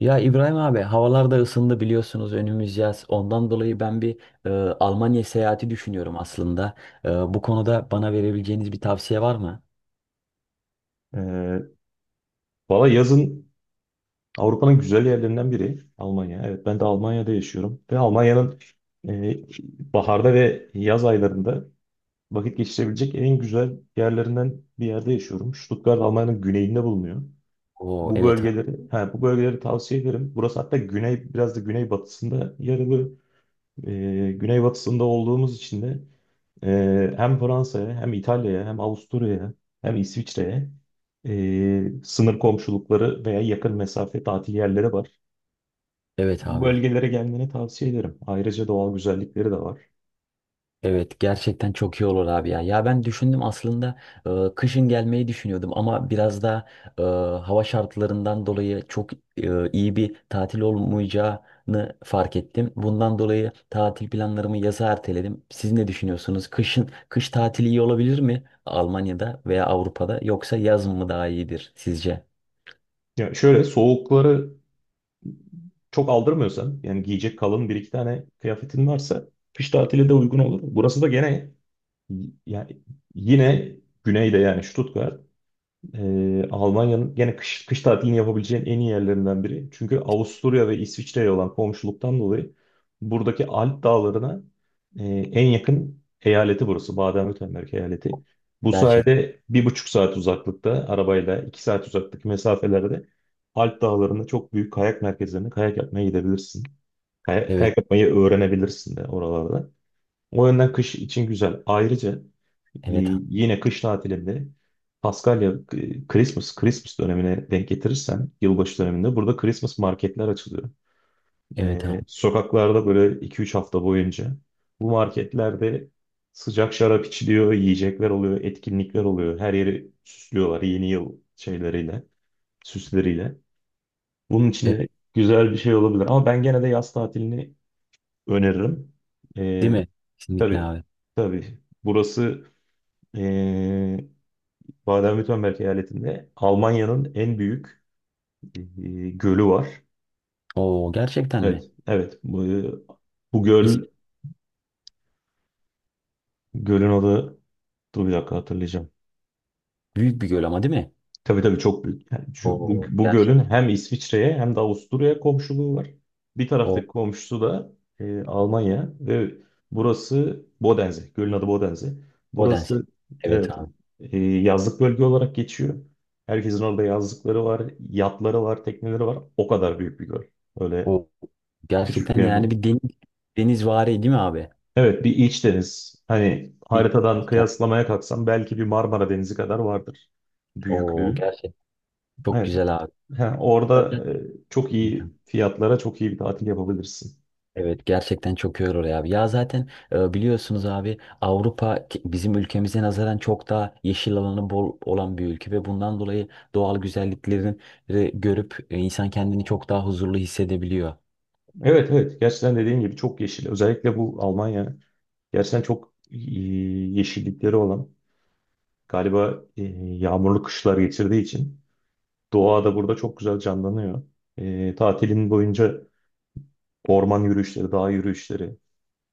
Ya İbrahim abi havalar da ısındı biliyorsunuz önümüz yaz. Ondan dolayı ben e, Almanya seyahati düşünüyorum aslında. Bu konuda bana verebileceğiniz bir tavsiye var mı? Ee, Valla yazın Avrupa'nın güzel yerlerinden biri Almanya. Evet ben de Almanya'da yaşıyorum ve Almanya'nın e, baharda ve yaz aylarında vakit geçirebilecek en güzel yerlerinden bir yerde yaşıyorum. Stuttgart Almanya'nın güneyinde bulunuyor. Oo evet Bu bölgeleri tavsiye ederim. Burası hatta güney, biraz da güneybatısında yer alıyor. Güneybatısında olduğumuz için de hem Fransa'ya hem İtalya'ya hem Avusturya'ya hem İsviçre'ye sınır komşulukları veya yakın mesafe tatil yerleri var. evet Bu abi. bölgelere gelmeni tavsiye ederim. Ayrıca doğal güzellikleri de var. Evet gerçekten çok iyi olur abi ya. Ya ben düşündüm aslında kışın gelmeyi düşünüyordum ama biraz da e, hava şartlarından dolayı çok iyi bir tatil olmayacağını fark ettim. Bundan dolayı tatil planlarımı yaza erteledim. Siz ne düşünüyorsunuz? Kışın kış tatili iyi olabilir mi Almanya'da veya Avrupa'da yoksa yaz mı daha iyidir sizce? Ya şöyle soğukları çok aldırmıyorsan yani giyecek kalın bir iki tane kıyafetin varsa kış tatili de uygun olur. Burası da gene yani yine güneyde yani Stuttgart. Almanya'nın gene kış tatilini yapabileceğin en iyi yerlerinden biri. Çünkü Avusturya ve İsviçre'ye olan komşuluktan dolayı buradaki Alp dağlarına en yakın eyaleti burası. Baden-Württemberg eyaleti. Bu Gerçek. sayede bir buçuk saat uzaklıkta arabayla iki saat uzaklık mesafelerde Alp dağlarında çok büyük kayak merkezlerine kayak yapmaya gidebilirsin. Kayak, Evet, kayak yapmayı öğrenebilirsin de oralarda. O yönden kış için güzel. Ayrıca evet abi. yine kış tatilinde Paskalya Christmas dönemine denk getirirsen yılbaşı döneminde burada Christmas marketler açılıyor. Evet abi. Sokaklarda böyle 2-3 hafta boyunca bu marketlerde sıcak şarap içiliyor, yiyecekler oluyor, etkinlikler oluyor. Her yeri süslüyorlar yeni yıl şeyleriyle, süsleriyle. Bunun için Evet, de güzel bir şey olabilir. Ama ben gene de yaz tatilini öneririm. değil E, mi? Kesinlikle tabii, abi. tabii. Burası ee, Baden-Württemberg eyaletinde Almanya'nın en büyük gölü var. Oo gerçekten mi? Evet, evet. Bu İs- göl, gölün adı, dur bir dakika hatırlayacağım. Büyük bir göl ama değil mi? Tabii tabii çok büyük. Yani O bu gölün gerçek hem İsviçre'ye hem de Avusturya'ya komşuluğu var. Bir o taraftaki komşusu da Almanya ve burası Bodense. Gölün adı Bodense. o dense. Burası Evet evet abi. Yazlık bölge olarak geçiyor. Herkesin orada yazlıkları var, yatları var, tekneleri var. O kadar büyük bir göl. Öyle O küçük gerçekten bir yer yani değil. bir deniz denizvari değil mi abi? Evet bir iç deniz. Hani Bir, haritadan ger- kıyaslamaya kalksam belki bir Marmara Denizi kadar vardır o büyüklüğü. gerçek çok Evet. güzel abi. Ha, orada çok Zaten- iyi fiyatlara çok iyi bir tatil yapabilirsin. Evet gerçekten çok iyi olur abi. Ya zaten biliyorsunuz abi Avrupa bizim ülkemize nazaran çok daha yeşil alanı bol olan bir ülke ve bundan dolayı doğal güzelliklerini görüp insan kendini çok daha huzurlu hissedebiliyor. Evet, gerçekten dediğin gibi çok yeşil. Özellikle bu Almanya gerçekten çok yeşillikleri olan galiba yağmurlu kışlar geçirdiği için doğa da burada çok güzel canlanıyor. Tatilin boyunca orman yürüyüşleri, dağ yürüyüşleri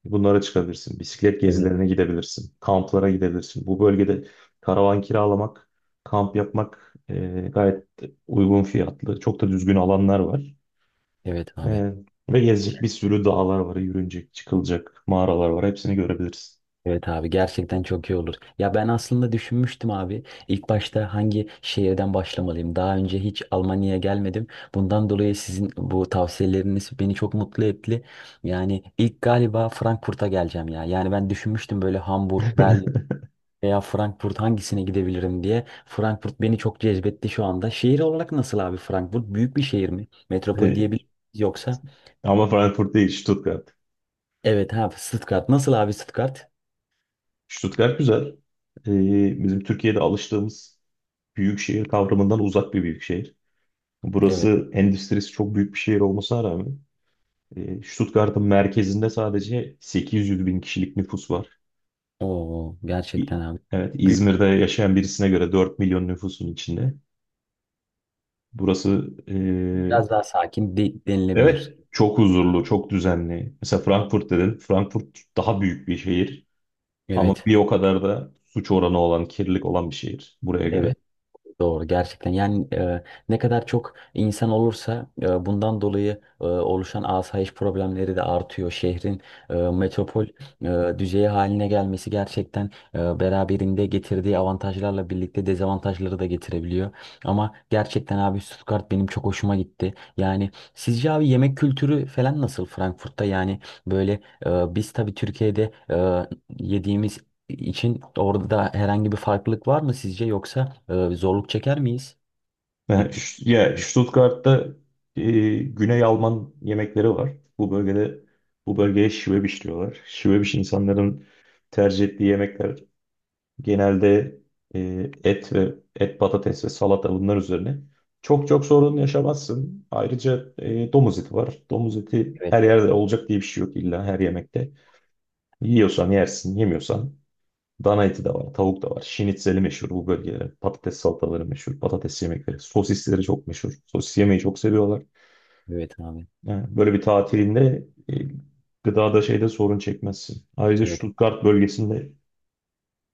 bunlara çıkabilirsin. Bisiklet Evet. gezilerine gidebilirsin. Kamplara gidebilirsin. Bu bölgede karavan kiralamak, kamp yapmak gayet uygun fiyatlı. Çok da düzgün alanlar var. Evet abi. Evet. Ve gezecek bir sürü dağlar var, yürünecek, çıkılacak mağaralar var. Hepsini görebiliriz. Evet abi gerçekten çok iyi olur. Ya ben aslında düşünmüştüm abi. İlk başta hangi şehirden başlamalıyım? Daha önce hiç Almanya'ya gelmedim. Bundan dolayı sizin bu tavsiyeleriniz beni çok mutlu etti. Yani ilk galiba Frankfurt'a geleceğim ya. Yani ben düşünmüştüm böyle Hamburg, Berlin veya Frankfurt hangisine gidebilirim diye. Frankfurt beni çok cezbetti şu anda. Şehir olarak nasıl abi Frankfurt? Büyük bir şehir mi? Metropol Ee, diyebilir miyiz yoksa? Ama Frankfurt değil, Stuttgart. Evet abi Stuttgart. Nasıl abi Stuttgart? Stuttgart güzel. Bizim Türkiye'de alıştığımız büyük şehir kavramından uzak bir büyük şehir. Evet. Burası endüstrisi çok büyük bir şehir olmasına rağmen Stuttgart'ın merkezinde sadece 800 bin kişilik nüfus var. Oo gerçekten İ- abi. Evet, İzmir'de yaşayan birisine göre 4 milyon nüfusun içinde. Burası e, Biraz daha sakin denilebilir. Evet, çok huzurlu, çok düzenli. Mesela Frankfurt dedin. Frankfurt daha büyük bir şehir ama Evet, bir o kadar da suç oranı olan, kirlilik olan bir şehir buraya göre. evet doğru gerçekten. Yani ne kadar çok insan olursa bundan dolayı oluşan asayiş problemleri de artıyor. Şehrin metropol düzeyi haline gelmesi gerçekten beraberinde getirdiği avantajlarla birlikte dezavantajları da getirebiliyor. Ama gerçekten abi Stuttgart benim çok hoşuma gitti. Yani sizce abi yemek kültürü falan nasıl Frankfurt'ta? Yani böyle biz tabii Türkiye'de yediğimiz için orada da herhangi bir farklılık var mı sizce yoksa zorluk çeker miyiz? Peki. Ya Stuttgart'ta e, Güney Alman yemekleri var. Bu bölgede Bu bölgeye Schwäbisch diyorlar. Schwäbisch insanların tercih ettiği yemekler genelde et ve et patates ve salata bunlar üzerine. Çok çok sorun yaşamazsın. Ayrıca domuz eti var. Domuz eti Evet, her yerde olacak diye bir şey yok illa her yemekte. Yiyorsan yersin, yemiyorsan Dana eti de var, tavuk da var. Şinitzeli meşhur bu bölgeler. Patates salataları meşhur, patates yemekleri. Sosisleri çok meşhur. Sosis yemeyi çok seviyorlar. evet abi. Yani böyle bir tatilinde e, gıdada şeyde sorun çekmezsin. Ayrıca Evet, Stuttgart bölgesinde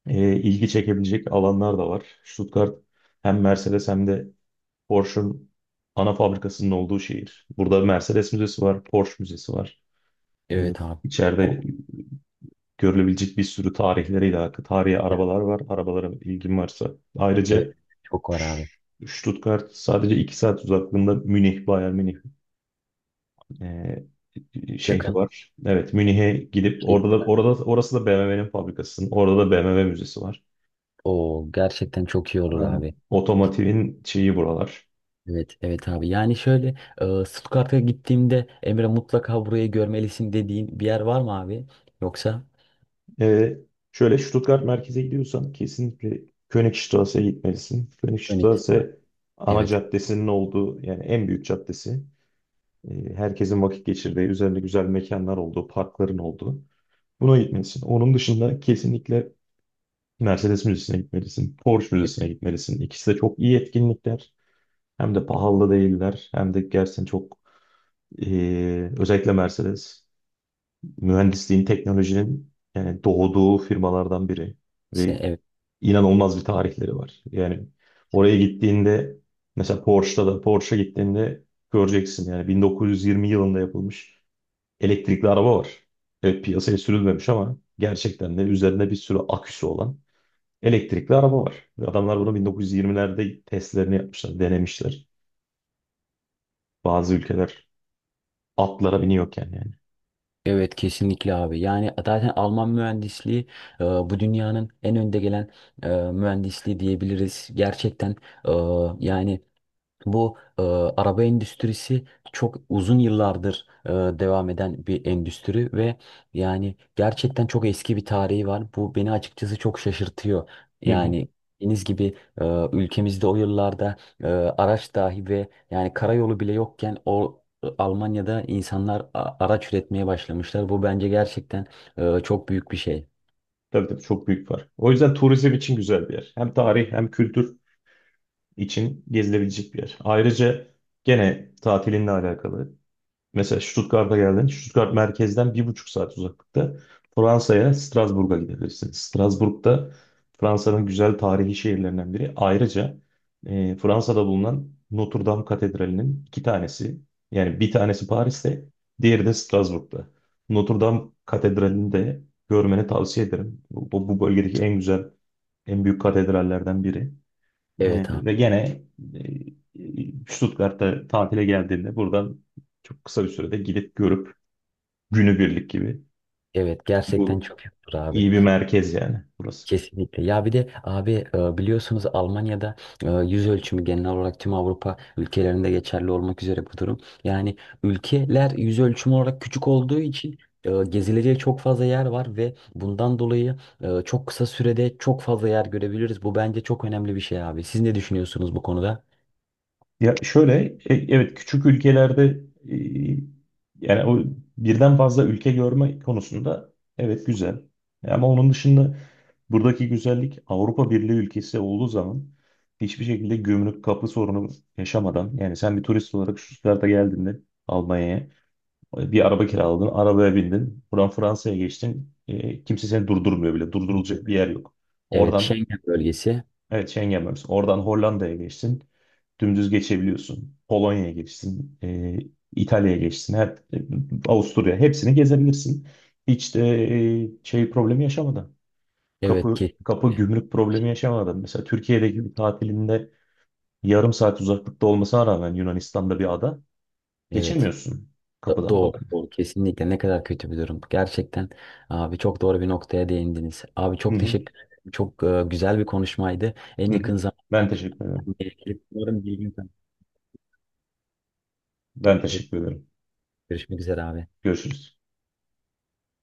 ilgi çekebilecek alanlar da var. Stuttgart hem Mercedes hem de Porsche'un ana fabrikasının olduğu şehir. Burada Mercedes Müzesi var, Porsche Müzesi var. E, evet abi. İçeride O- görülebilecek bir sürü tarihleriyle, tarihi arabalar var. Arabalara ilgin varsa. Evet, Ayrıca çok var abi. Stuttgart sadece 2 saat uzaklığında Münih, Bayern Münih e, şehri Yakın. var. Evet, Münih'e gidip şey, orada orası da BMW'nin fabrikası. Orada da BMW müzesi var. O gerçekten çok iyi olur Aynen. abi. Otomotivin şeyi buralar. Evet, evet abi. Yani şöyle Stuttgart'a gittiğimde Emre mutlaka burayı görmelisin dediğin bir yer var mı abi? Yoksa E, Şöyle Stuttgart merkeze gidiyorsan kesinlikle Königstrasse'ye gitmelisin. Phoenix'ta. Königstrasse ana Evet. caddesinin olduğu yani en büyük caddesi. Herkesin vakit geçirdiği, üzerinde güzel mekanlar olduğu, parkların olduğu. Buna gitmelisin. Onun dışında kesinlikle Mercedes Müzesi'ne gitmelisin, Porsche Evet. Müzesi'ne gitmelisin. İkisi de çok iyi etkinlikler. Hem de pahalı değiller, hem de gerçekten çok, özellikle Mercedes mühendisliğin, teknolojinin yani doğduğu firmalardan biri İşte, ve evet. inanılmaz bir tarihleri var. Yani oraya gittiğinde mesela Porsche'a gittiğinde göreceksin yani 1920 yılında yapılmış elektrikli araba var. Evet piyasaya sürülmemiş ama gerçekten de üzerinde bir sürü aküsü olan Elektrikli araba var. Ve Adamlar bunu 1920'lerde testlerini yapmışlar, denemişler. Bazı ülkeler atlara biniyorken yani. Evet kesinlikle abi. Yani zaten Alman mühendisliği bu dünyanın en önde gelen mühendisliği diyebiliriz. Gerçekten e, yani bu araba endüstrisi çok uzun yıllardır devam eden bir endüstri ve yani gerçekten çok eski bir tarihi var. Bu beni açıkçası çok şaşırtıyor. Hı hı. Yani dediğiniz gibi ülkemizde o yıllarda araç dahi ve yani karayolu bile yokken Almanya'da insanlar araç üretmeye başlamışlar. Bu bence gerçekten çok büyük bir şey. Tabii tabii çok büyük var. O yüzden turizm için güzel bir yer. Hem tarih hem kültür için gezilebilecek bir yer. Ayrıca gene tatilinle alakalı. Mesela Stuttgart'a geldin. Stuttgart merkezden bir buçuk saat uzaklıkta Fransa'ya, Strasbourg'a gidebilirsin. Strasbourg'da Fransa'nın güzel tarihi şehirlerinden biri. Ayrıca Fransa'da bulunan Notre Dame Katedrali'nin iki tanesi, yani bir tanesi Paris'te, diğeri de Strasbourg'da. Notre Dame Katedrali'ni de görmeni tavsiye ederim. Bu bölgedeki en güzel, en büyük katedrallerden biri. Evet abi. Ve gene Stuttgart'ta tatile geldiğimde buradan çok kısa bir sürede gidip görüp günübirlik gibi. Evet Bu gerçekten çok büyüktür abi. iyi bir merkez yani burası. Kesinlikle. Ya bir de abi biliyorsunuz Almanya'da yüz ölçümü genel olarak tüm Avrupa ülkelerinde geçerli olmak üzere bu durum. Yani ülkeler yüz ölçümü olarak küçük olduğu için gezilecek çok fazla yer var ve bundan dolayı çok kısa sürede çok fazla yer görebiliriz. Bu bence çok önemli bir şey abi. Siz ne düşünüyorsunuz bu konuda? Ya şöyle evet küçük ülkelerde e, yani birden fazla ülke görme konusunda evet güzel. Ama onun dışında buradaki güzellik Avrupa Birliği ülkesi olduğu zaman hiçbir şekilde gümrük kapı sorunu yaşamadan yani sen bir turist olarak şu Stuttgart'a geldiğinde Almanya'ya Bir araba kiraladın, arabaya bindin. Buradan Fransa'ya geçtin. Kimse seni durdurmuyor bile. Durdurulacak Mutlaka. bir yer yok. Evet, Oradan, Schengen bölgesi. evet Schengen bölgesi. Oradan Hollanda'ya geçtin. Dümdüz geçebiliyorsun. Polonya'ya geçtin. İtalya'ya geçtin. E, Avusturya. Hepsini gezebilirsin. Hiç de şey problemi yaşamadan. Evet Kapı ki kapı gümrük problemi yaşamadan. Mesela Türkiye'deki bir tatilinde yarım saat uzaklıkta olmasına rağmen Yunanistan'da bir ada evet. geçemiyorsun kapıdan dolayı. Doğru. Kesinlikle ne kadar kötü bir durum. Gerçekten abi çok doğru bir noktaya değindiniz. Abi Hı çok hı, teşekkür ederim. Çok güzel bir konuşmaydı. En hı hı. yakın zamanda Ben teşekkür ederim. umarım bir gün Ben teşekkür ederim. görüşmek üzere abi. Görüşürüz.